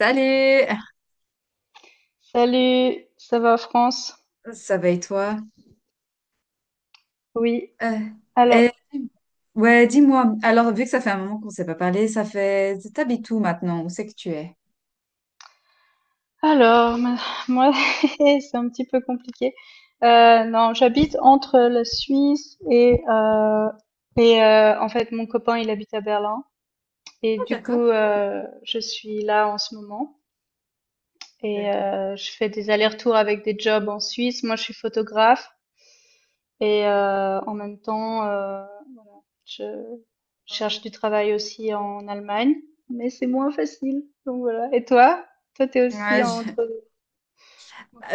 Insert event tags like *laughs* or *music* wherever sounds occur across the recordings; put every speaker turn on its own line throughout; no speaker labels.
Salut!
Salut, ça va France?
Ça va et toi?
Oui.
Euh,
Alors,
eh, ouais, dis-moi. Alors, vu que ça fait un moment qu'on ne s'est pas parlé, ça fait... T'habites où maintenant? Où c'est que tu es?
alors, *laughs* moi, *laughs* c'est un petit peu compliqué. Non, j'habite entre la Suisse et, en fait, mon copain, il habite à Berlin et
Ah,
du coup,
d'accord.
je suis là en ce moment et,
D'accord.
je fais des allers-retours avec des jobs en Suisse. Moi, je suis photographe et, en même temps, je cherche du travail aussi en Allemagne, mais c'est moins facile. Donc voilà. Et toi? Toi, t'es aussi
Ouais, je-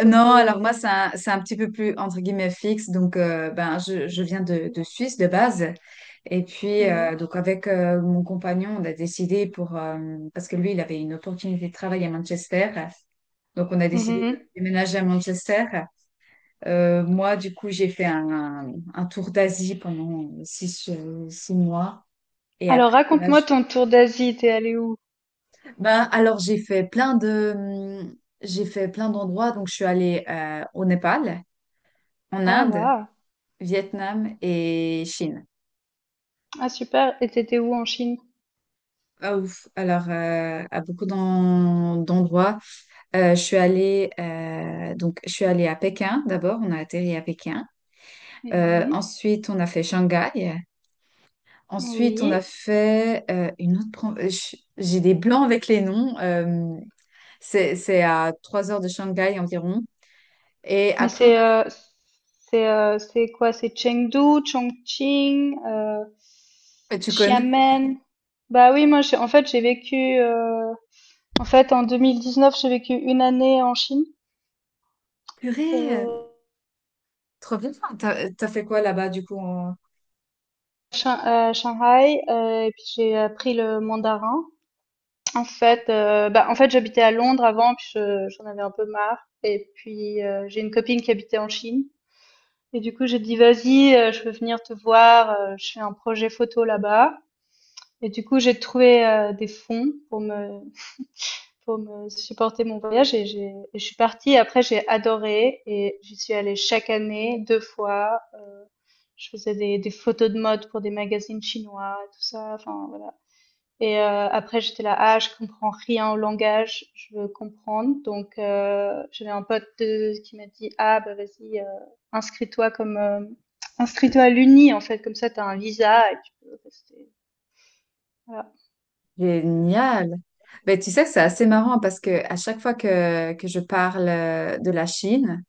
Non,
deux.
alors moi, c'est c'est un petit peu plus, entre guillemets, fixe. Donc, ben, je viens de Suisse de base. Et puis,
Mhm.
donc, avec mon compagnon, on a décidé pour... parce que lui, il avait une opportunité de travail à Manchester. Donc, on a décidé de
Mhm.
déménager à Manchester. Moi, du coup, j'ai fait un tour d'Asie pendant six mois. Et
Alors,
après, là,
raconte-moi ton tour d'Asie. T'es allé où?
ben, alors j'ai fait plein de, j'ai fait plein d'endroits. Donc, je suis allée au Népal, en
Ah,
Inde,
waouh.
Vietnam et Chine.
Ah, super. Et t'étais où en Chine?
Ah ouf. Alors, à beaucoup d'endroits. Je suis allée, donc, je suis allée à Pékin d'abord. On a atterri à Pékin.
Mhm.
Ensuite, on a fait Shanghai. Ensuite, on a
Oui.
fait une autre. J'ai des blancs avec les noms. C'est à 3 heures de Shanghai environ. Et
Mais
après, on a
c'est quoi? C'est Chengdu, Chongqing,
fait. Tu connais?
Xiamen. Bah oui, moi, en fait, j'ai vécu. En fait, en 2019, j'ai vécu une année en Chine.
Purée, euh,
Heu,
trop bien. Enfin, t'as fait quoi là-bas du coup? En-
Shan À Shanghai, et puis j'ai appris le mandarin. En fait, bah, en fait, j'habitais à Londres avant, puis je j'en avais un peu marre et puis, j'ai une copine qui habitait en Chine et du coup, j'ai dit: «Vas-y, je veux venir te voir, je fais un projet photo là-bas» et du coup, j'ai trouvé, des fonds pour me supporter mon voyage et j'ai et je suis partie. Après, j'ai adoré et j'y suis allée chaque année, deux fois. Je faisais des photos de mode pour des magazines chinois, tout ça. Enfin, voilà. Et, après, j'étais là: ah, je comprends rien au langage, je veux comprendre. Donc, j'avais un pote qui m'a dit: ah, bah vas-y, inscris-toi comme, euh, inscris-toi à l'Uni, en fait, comme ça, t'as un visa et tu peux rester. Voilà.
Génial. Mais tu sais, c'est assez marrant parce que à chaque fois que je parle de la Chine,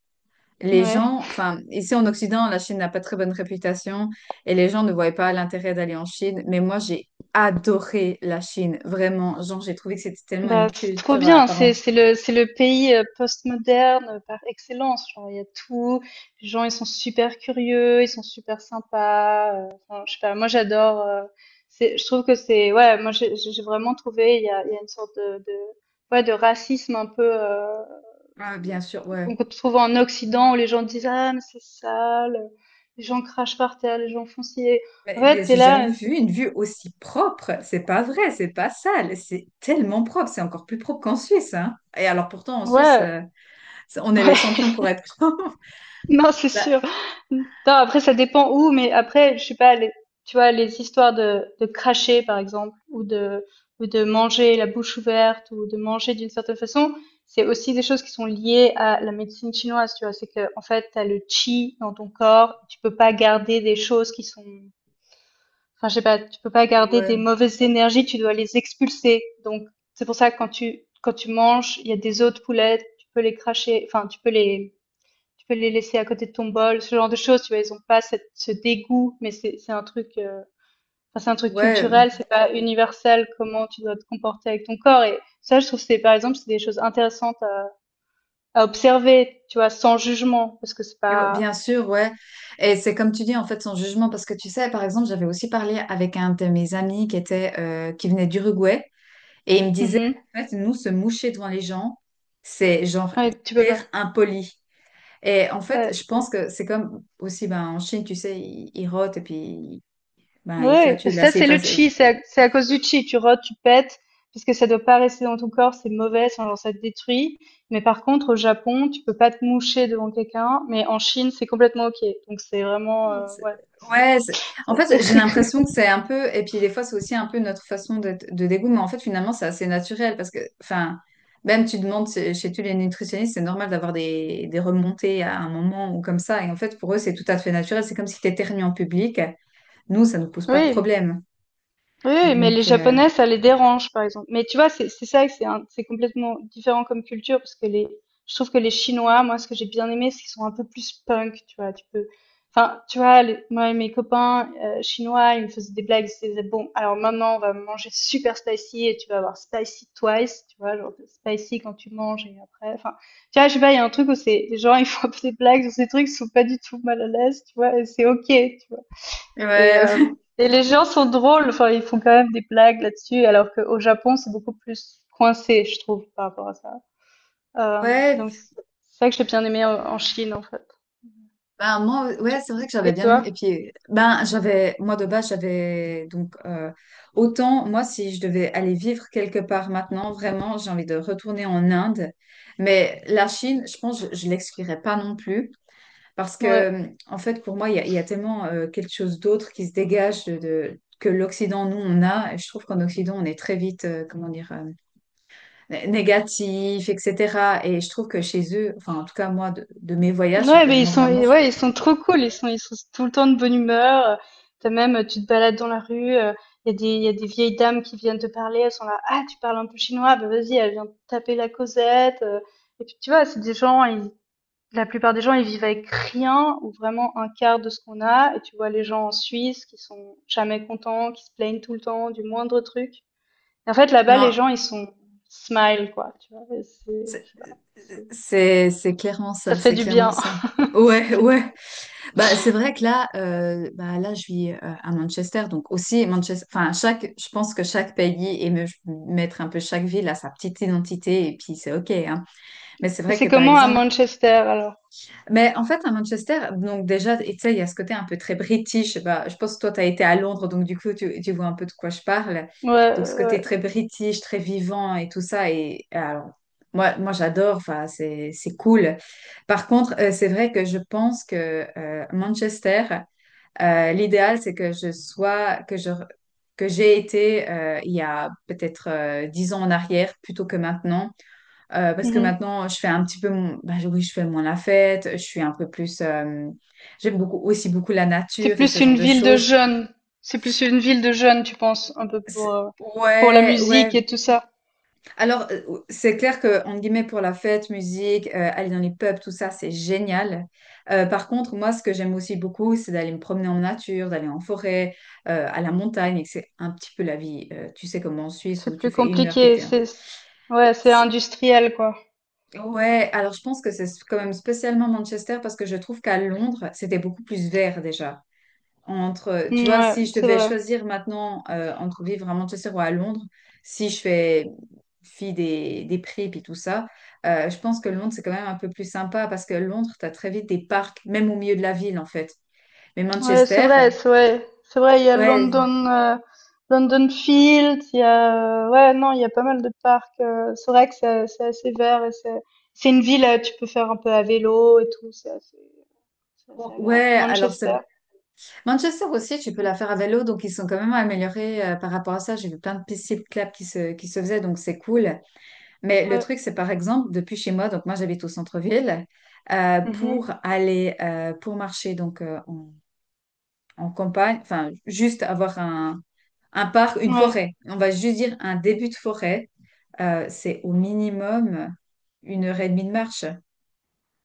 les
Ouais.
gens, enfin, ici en Occident, la Chine n'a pas très bonne réputation et les gens ne voyaient pas l'intérêt d'aller en Chine. Mais moi, j'ai adoré la Chine, vraiment. Genre, j'ai trouvé que c'était tellement
Bah,
une
c'est trop
culture
bien, c'est
apparente.
c'est le c'est le pays, postmoderne, par excellence. Genre, il y a tout, les gens, ils sont super curieux, ils sont super sympas. Enfin, je sais pas, moi j'adore. C'est, je trouve que c'est, ouais, moi j'ai vraiment trouvé, il y a une sorte de, ouais, de racisme un peu,
Ah, bien sûr, ouais.
qu'on trouve en Occident, où les gens disent: ah, mais c'est sale, les gens crachent par terre, les gens font ci. En
Mais
fait, t'es
j'ai jamais
là,
vu une vue aussi propre. C'est pas vrai, c'est pas sale. C'est tellement propre. C'est encore plus propre qu'en Suisse, hein. Et alors, pourtant, en Suisse,
ouais.
euh, on est les
*laughs*
champions pour être propre. *laughs*
*laughs* Non, c'est
Bah,
sûr. Non, après, ça dépend où, mais après, je sais pas, tu vois, les histoires de, cracher, par exemple, ou de manger la bouche ouverte, ou de manger d'une certaine façon, c'est aussi des choses qui sont liées à la médecine chinoise, tu vois. C'est que, en fait, t'as le qi dans ton corps, tu peux pas garder des choses qui sont, enfin, je sais pas, tu peux pas garder des
ouais,
mauvaises énergies, tu dois les expulser. Donc, c'est pour ça que quand tu manges, il y a des os de poulet, tu peux les cracher, enfin, tu peux les laisser à côté de ton bol, ce genre de choses, tu vois, ils ont pas cette, ce dégoût, mais c'est un truc, enfin, c'est un truc
ouais.
culturel, c'est pas universel comment tu dois te comporter avec ton corps. Et ça, je trouve que c'est, par exemple, c'est des choses intéressantes à observer, tu vois, sans jugement, parce que c'est
Et ouais,
pas.
bien sûr, ouais. Et c'est comme tu dis, en fait, son jugement, parce que tu sais, par exemple, j'avais aussi parlé avec un de mes amis qui était, qui venait d'Uruguay, et il me disait,
Mhm.
en fait, nous, se moucher devant les gens, c'est genre
Ouais, tu peux pas.
hyper impoli. Et en fait,
Ouais.
je pense que c'est comme aussi, ben, en Chine, tu sais, ils rotent et puis, ben, ils
Ouais, parce
flatulent
que ça,
assez
c'est le
faci-
chi, c'est à cause du chi. Tu rôtes, tu pètes, parce que ça doit pas rester dans ton corps, c'est mauvais, sinon ça te détruit. Mais par contre, au Japon, tu peux pas te moucher devant quelqu'un, mais en Chine, c'est complètement ok. Donc c'est vraiment,
C'est-
ouais.
Ouais, c'est- en
c'est-
fait, j'ai
c'est- *laughs*
l'impression que c'est un peu, et puis des fois, c'est aussi un peu notre façon de dégoût, mais en fait, finalement, c'est assez naturel parce que, enfin, même tu demandes chez tous les nutritionnistes, c'est normal d'avoir des remontées à un moment ou comme ça, et en fait, pour eux, c'est tout à fait naturel, c'est comme si tu éternues en public, nous, ça ne nous pose pas de
Oui,
problème.
oui, oui, mais les
Donc, euh,
Japonais, ça les dérange, par exemple. Mais tu vois, c'est ça, que c'est complètement différent comme culture, parce que les... Je trouve que les Chinois, moi, ce que j'ai bien aimé, c'est qu'ils sont un peu plus punk, tu vois. Tu peux, enfin, tu vois, moi et mes copains, chinois, ils me faisaient des blagues, ils disaient: bon, alors maintenant, on va manger super spicy et tu vas avoir spicy twice, tu vois, genre spicy quand tu manges et après, enfin, tu vois, je sais pas, il y a un truc où c'est, les gens, ils font un peu des blagues sur ces trucs, ils sont pas du tout mal à l'aise, tu vois, et c'est ok, tu vois. Et,
ouais,
les gens sont drôles, enfin, ils font quand même des blagues là-dessus, alors qu'au Japon, c'est beaucoup plus coincé, je trouve, par rapport à ça.
ouais,
Donc,
*laughs*
c'est ça que j'ai bien aimé en Chine, en fait.
ben, moi,
Tu-
ouais, c'est vrai que j'avais
Et
bien aimé. Et
toi?
puis, ben, j'avais, moi de base, j'avais donc autant, moi, si je devais aller vivre quelque part maintenant, vraiment, j'ai envie de retourner en Inde. Mais la Chine, je pense, je l'exclurais pas non plus. Parce
Ouais.
que, en fait, pour moi, il y a tellement quelque chose d'autre qui se dégage que l'Occident, nous, on a. Et je trouve qu'en Occident, on est très vite, négatif, etc. Et je trouve que chez eux, enfin, en tout cas, moi, de mes voyages,
Ouais,
euh,
mais ils
moi,
sont,
vraiment,
et
je-
ouais, ils sont trop cool, ils sont tout le temps de bonne humeur. T'as même, tu te balades dans la rue, il y a des vieilles dames qui viennent te parler, elles sont là: ah, tu parles un peu chinois, bah vas-y, elle vient te taper la causette. Et puis, tu vois, c'est des gens, ils, la plupart des gens, ils vivent avec rien ou vraiment un quart de ce qu'on a. Et tu vois les gens en Suisse qui sont jamais contents, qui se plaignent tout le temps du moindre truc. Et en fait, là-bas, les
non.
gens, ils sont smile, quoi. Tu vois, et c'est, je sais pas,
C'est clairement
ça
ça,
fait
c'est
du
clairement
bien.
ça.
*laughs* Ça
Ouais,
fait du
ouais.
bien.
Bah c'est vrai que là, bah là je vis à Manchester, donc aussi Manchester. Enfin chaque, je pense que chaque pays et me- mettre un peu chaque ville à sa petite identité et puis c'est ok, hein. Mais c'est
Et
vrai que
c'est
par
comment à
exemple,
Manchester, alors?
mais en fait à Manchester, donc déjà et tu sais il y a ce côté un peu très british. Je sais pas, je pense que toi tu as été à Londres, donc du coup tu vois un peu de quoi je parle.
Ouais,
Donc ce
ouais.
côté très british, très vivant et tout ça et alors. Moi j'adore, enfin, c'est cool. Par contre, c'est vrai que je pense que Manchester, l'idéal, c'est que je sois, que je, que j'ai été il y a peut-être 10 ans en arrière plutôt que maintenant, parce que
Mhm.
maintenant, je fais un petit peu, mon- ben, oui, je fais moins la fête, je suis un peu plus, j'aime beaucoup aussi beaucoup la
C'est
nature et
plus
ce genre
une
de
ville de
choses.
jeunes. C'est plus une ville de jeunes, tu penses, un peu pour la
Ouais, ouais,
musique et tout ça.
Alors, euh, c'est clair que, entre guillemets, pour la fête, musique, aller dans les pubs, tout ça, c'est génial. Par contre, moi, ce que j'aime aussi beaucoup, c'est d'aller me promener en nature, d'aller en forêt, à la montagne, et que c'est un petit peu la vie. Tu sais, comme en Suisse, où
C'est
tu
plus
fais une heure
compliqué.
pété, hein.
C'est, ouais, c'est
C'est-
industriel, quoi.
Ouais, alors je pense que c'est quand même spécialement Manchester, parce que je trouve qu'à Londres, c'était beaucoup plus vert déjà entre, tu
Mm,
vois,
ouais,
si je
c'est
devais
vrai.
choisir maintenant entre vivre à Manchester ou à Londres, si je fais fi des prix et tout ça, je pense que Londres, c'est quand même un peu plus sympa parce que Londres, tu as très vite des parcs, même au milieu de la ville, en fait. Mais
Ouais, c'est
Manchester,
vrai, c'est vrai, c'est vrai. Il y a
ouais,
London, London Field. Il y a, ouais, non, il y a pas mal de parcs. C'est vrai que c'est assez vert et c'est une ville. Tu peux faire un peu à vélo et tout. C'est assez agréable,
ouais, alors c'est vrai.
Manchester,
Manchester aussi, tu
du
peux
coup.
la faire à vélo, donc ils sont quand même améliorés par rapport à ça. J'ai vu plein de pistes cyclables qui qui se faisaient, donc c'est cool. Mais le
Ouais.
truc, c'est par exemple, depuis chez moi, donc moi j'habite au centre-ville,
Mhm.
pour aller, pour marcher donc en campagne, enfin juste avoir un parc, une
Ouais.
forêt, on va juste dire un début de forêt, c'est au minimum une heure et demie de marche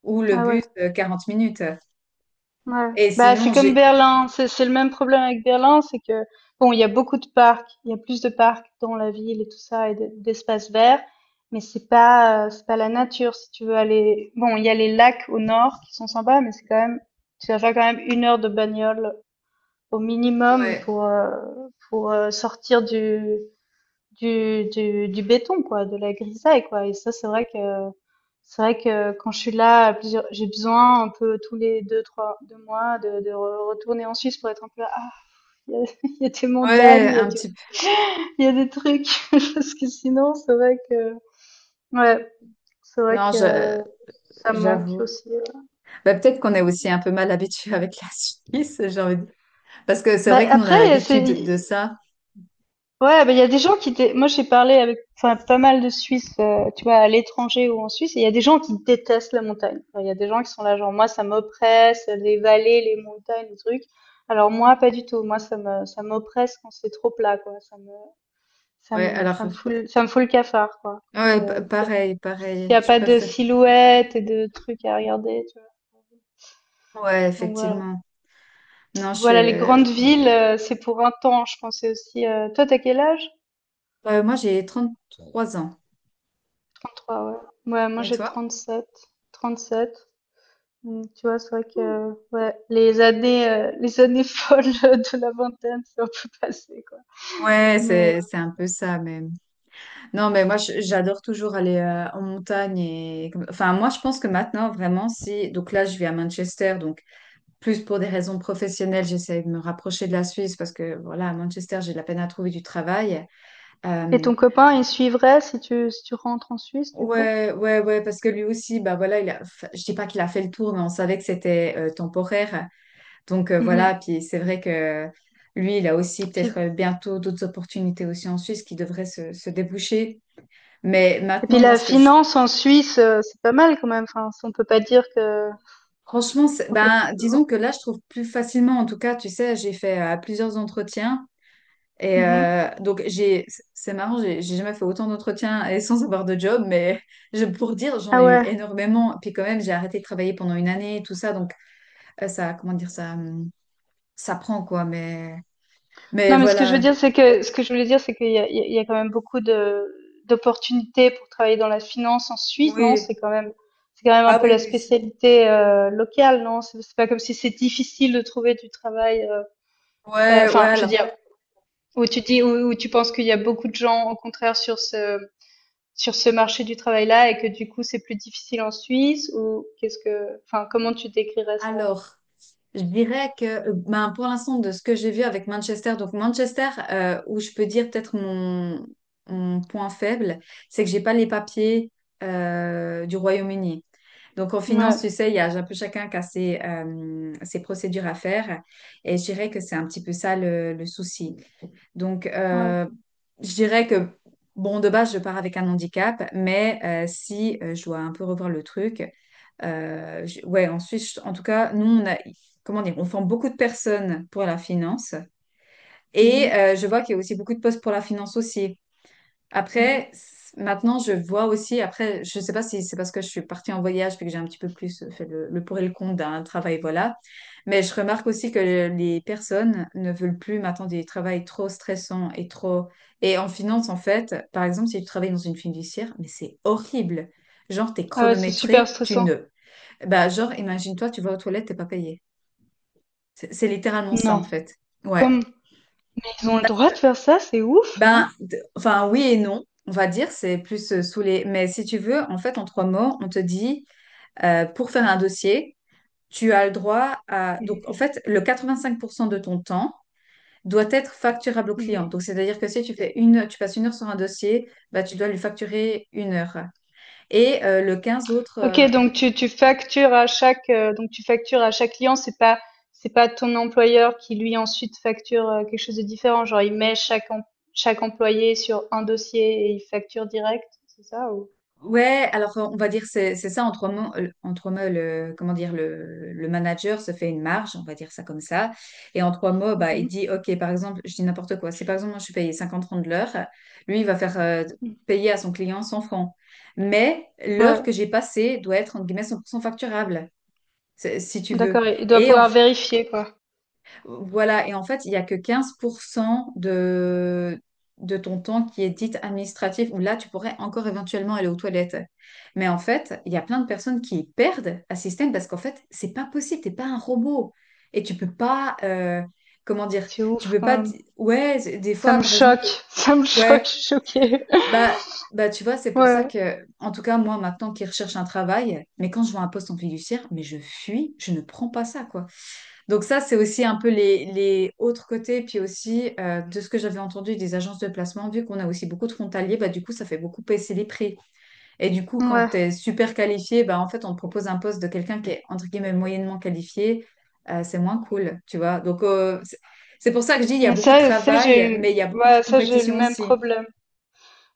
ou le
Ah ouais.
bus 40 minutes.
Ouais.
Et
Bah, c'est
sinon,
comme
j'ai...
Berlin. C'est le même problème avec Berlin, c'est que, bon, il y a beaucoup de parcs, il y a plus de parcs dans la ville et tout ça et d'espaces verts, mais c'est pas, c'est pas la nature. Si tu veux aller, bon, il y a les lacs au nord qui sont sympas, mais c'est quand même, tu vas faire quand même 1 heure de bagnole au minimum
Ouais,
pour sortir du béton, quoi, de la grisaille, quoi. Et ça, c'est vrai que quand je suis là, j'ai besoin un peu tous les deux trois deux mois de retourner en Suisse pour être un peu là: ah, *laughs* il y a des
ouais,
montagnes,
un petit peu.
il y a des trucs, *laughs* parce que sinon, c'est vrai que, ouais, c'est vrai
Non, je-
que ça me manque
j'avoue.
aussi, ouais.
Bah, peut-être qu'on est
Ouais.
aussi un peu mal habitué avec la Suisse, j'ai envie de dire. Parce que c'est
Bah
vrai que nous, on a
après
l'habitude
c'est
de ça.
Ouais, bah, il y a des gens moi j'ai parlé avec, enfin, pas mal de Suisses, tu vois, à l'étranger ou en Suisse, et il y a des gens qui détestent la montagne. Enfin, il y a des gens qui sont là genre: moi, ça m'oppresse, les vallées, les montagnes, les trucs. Alors moi, pas du tout, moi, ça m'oppresse quand c'est trop plat, quoi,
Ouais, alors,
ça me fout le cafard, quoi. Quand,
ouais, pa-
Euh, S'il y a,
pareil, pareil,
s'il y a
je
pas de
préfère.
silhouettes et de trucs à regarder, tu vois.
Ouais,
Donc voilà.
effectivement. Non, je suis.
Voilà, les
euh,
grandes villes, c'est pour un temps, je pensais aussi. Toi, t'as quel âge?
euh, Moi, j'ai 33 ans.
33, ouais. Ouais, moi
Et
j'ai
toi?
37. 37. Donc, tu vois, c'est vrai que, ouais, les années *laughs* folles de la vingtaine, c'est un peu passé, quoi.
Ouais,
Mais...
c'est un peu ça, mais. Non, mais moi, je- j'adore toujours aller en montagne. Et... Enfin, moi, je pense que maintenant, vraiment, si. Donc là, je vis à Manchester, donc plus pour des raisons professionnelles, j'essaie de me rapprocher de la Suisse parce que, voilà, à Manchester, j'ai de la peine à trouver du travail.
Et
Euh,
ton copain, il suivrait si tu rentres en Suisse, du coup?
Ouais, ouais, ouais, parce que lui aussi, bah voilà, il a, enfin, je dis pas qu'il a fait le tour, mais on savait que c'était temporaire. Donc
Mhm.
voilà, puis c'est vrai que lui, il a aussi peut-être
Puis-
bientôt d'autres opportunités aussi en Suisse qui devraient se déboucher. Mais
et puis,
maintenant, moi,
la
ce que je,
finance en Suisse, c'est pas mal quand même. Enfin, on peut pas dire que...
franchement, c'est-
on peut-
ben, disons que là, je trouve plus facilement, en tout cas, tu sais, j'ai fait plusieurs entretiens et
Mhm.
donc j'ai, c'est marrant, j'ai jamais fait autant d'entretiens et sans avoir de job, mais *laughs* je, pour dire, j'en
Ah
ai eu
ouais.
énormément. Puis quand même, j'ai arrêté de travailler pendant une année, tout ça, donc. Ça, comment dire, ça prend quoi, mais
Non, mais ce que je veux
voilà.
dire, c'est que ce que je voulais dire, c'est qu'il y a, il y a il y a quand même beaucoup de d'opportunités pour travailler dans la finance en Suisse, non?
Oui.
C'est quand même un
Ah
peu
oui,
la
oui, c'est-
spécialité, locale, non? C'est pas comme si c'est difficile de trouver du travail.
Ouais, ouais,
Enfin, je veux
alors.
dire, où tu penses qu'il y a beaucoup de gens au contraire sur ce, marché du travail-là et que du coup, c'est plus difficile en Suisse, ou qu'est-ce que, enfin, comment tu décrirais ça?
Alors, je dirais que, ben, pour l'instant, de ce que j'ai vu avec Manchester, donc Manchester, où je peux dire peut-être mon, mon point faible, c'est que j'ai pas les papiers du Royaume-Uni. Donc en finance, tu
Ouais,
sais, il y a un peu chacun qui a ses, ses procédures à faire. Et je dirais que c'est un petit peu ça le souci. Donc,
ouais.
je dirais que, bon, de base, je pars avec un handicap, mais si je dois un peu revoir le truc, ouais, en Suisse, en tout cas, nous, on a, comment dire, on forme beaucoup de personnes pour la finance. Et
Mhm,
je vois qu'il y a aussi beaucoup de postes pour la finance aussi.
mhm.
Après, c- maintenant, je vois aussi, après, je ne sais pas si c'est parce que je suis partie en voyage puis que j'ai un petit peu plus fait le pour et le contre d'un travail, voilà. Mais je remarque aussi que les personnes ne veulent plus maintenant des travails trop stressants et trop... Et en finance, en fait, par exemple, si tu travailles dans une fiduciaire, mais c'est horrible. Genre, t'es
Ah ouais, c'est super
chronométré, tu
stressant.
ne... Bah, genre, imagine-toi, tu vas aux toilettes, t'es pas payé. C'est littéralement ça,
Non.
en fait. Ouais.
Comme Ils ont le droit de faire ça, c'est ouf, non?
Ben, d- enfin, oui et non, on va dire, c'est plus sous les... Mais si tu veux, en fait, en trois mots, on te dit, pour faire un dossier, tu as le droit à... Donc, en
Mmh,
fait, le 85% de ton temps doit être facturable au client. Donc,
mh.
c'est-à-dire que si tu fais une, tu passes une heure sur un dossier, bah, tu dois lui facturer une heure. Et le 15 autres
OK, donc tu factures à chaque client, c'est pas ton employeur qui lui ensuite facture, quelque chose de différent, genre il met chaque employé sur un dossier et il facture direct, c'est ça, ou?
ouais, alors on va dire c'est ça en trois mots le comment dire le manager se fait une marge, on va dire ça comme ça. Et en trois mots,
Mmh,
bah il
mh.
dit OK, par exemple, je dis n'importe quoi. Si par exemple moi je suis payée 50 francs de l'heure, lui il va faire
Mmh.
payer à son client 100 francs. Mais l'heure
Ouais,
que j'ai passée doit être entre guillemets 100% facturable, c'est- si tu veux.
d'accord, et il doit
Et en
pouvoir vérifier, quoi.
voilà, et en fait, il n'y a que 15% de ton temps qui est dit administratif, où là, tu pourrais encore éventuellement aller aux toilettes. Mais en fait, il y a plein de personnes qui perdent un système parce qu'en fait, c'est pas possible, t'es pas un robot. Et tu peux pas, comment dire,
C'est
tu
ouf
peux
quand
pas,
même.
di- ouais, c'est- des
Ça
fois,
me
par exemple,
choque, *laughs* ça me choque,
ouais,
je suis choquée. *laughs*
bah, bah tu vois, c'est pour ça
Ouais,
que, en tout cas, moi, maintenant qui recherche un travail, mais quand je vois un poste en fiduciaire, mais je fuis, je ne prends pas ça, quoi. Donc ça, c'est aussi un peu les autres côtés, puis aussi de ce que j'avais entendu des agences de placement, vu qu'on a aussi beaucoup de frontaliers, bah, du coup, ça fait beaucoup baisser les prix. Et du coup, quand
ouais.
tu es super qualifié, bah, en fait, on te propose un poste de quelqu'un qui est, entre guillemets, moyennement qualifié, c'est moins cool, tu vois. Donc c'est pour ça que je dis, il y a
Mais
beaucoup de
ça, j'ai
travail,
eu,
mais il y a beaucoup de
ouais, ça j'ai eu le
compétition
même
aussi.
problème.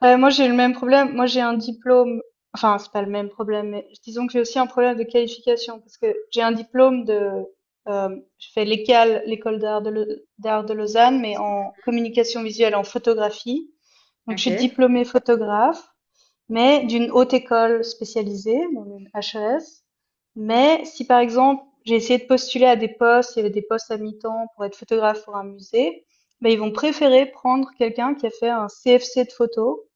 Moi, j'ai le même problème. Moi, j'ai un diplôme, enfin, c'est pas le même problème, mais disons que j'ai aussi un problème de qualification parce que j'ai un diplôme de, je fais l'école d'art de Lausanne, mais en communication visuelle, en photographie. Donc je
Ok.
suis diplômée photographe, mais d'une haute école spécialisée, donc une HES. Mais si, par exemple, j'ai essayé de postuler à des postes, il y avait des postes à mi-temps pour être photographe pour un musée, bah, ils vont préférer prendre quelqu'un qui a fait un CFC de photo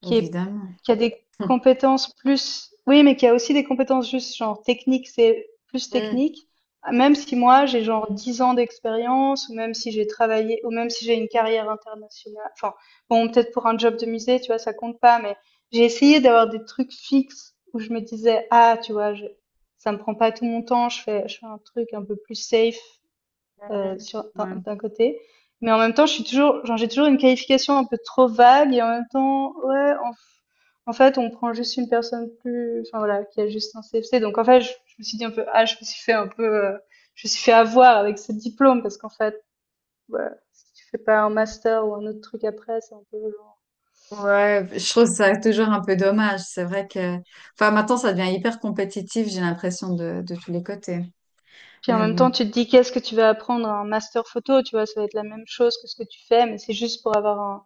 qui est
Évidemment.
qui a des
*laughs*
compétences plus, oui, mais qui a aussi des compétences juste genre techniques, c'est plus
Mhm.
technique. Même si moi, j'ai genre 10 ans d'expérience, ou même si j'ai travaillé, ou même si j'ai une carrière internationale, enfin, bon, peut-être pour un job de musée, tu vois, ça compte pas, mais j'ai essayé d'avoir des trucs fixes où je me disais: ah, tu vois, ça me prend pas tout mon temps, je fais un truc un peu plus safe,
Mhm.
sur, d'un
Ouais.
côté. Mais en même temps, je suis toujours, genre, j'ai toujours une qualification un peu trop vague, et en même temps, ouais, en fait, on prend juste une personne plus, enfin voilà, qui a juste un CFC. Donc en fait, je me suis dit un peu: ah, je me suis fait avoir avec ce diplôme, parce qu'en fait, voilà, si tu fais pas un master ou un autre truc après, c'est un peu genre...
Ouais, je trouve ça toujours un peu dommage. C'est vrai que, enfin, maintenant, ça devient hyper compétitif, j'ai l'impression de tous les côtés.
Puis en
Mais
même
bon,
temps, tu te dis: qu'est-ce que tu vas apprendre à un master photo, tu vois, ça va être la même chose que ce que tu fais, mais c'est juste pour avoir un...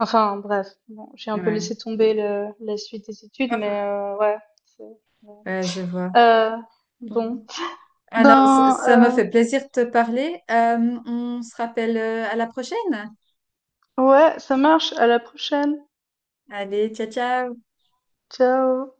Enfin, bref, bon, j'ai un peu
ouais.
laissé tomber le la suite des études, mais ouais, c'est, ouais.
Ouais, je vois.
Heu,
Bon.
bon,
Alors, ça
ben,
ça m'a fait plaisir de te parler. On se rappelle à la prochaine.
ouais, ça marche, à la prochaine.
Allez, ciao, ciao.
Ciao.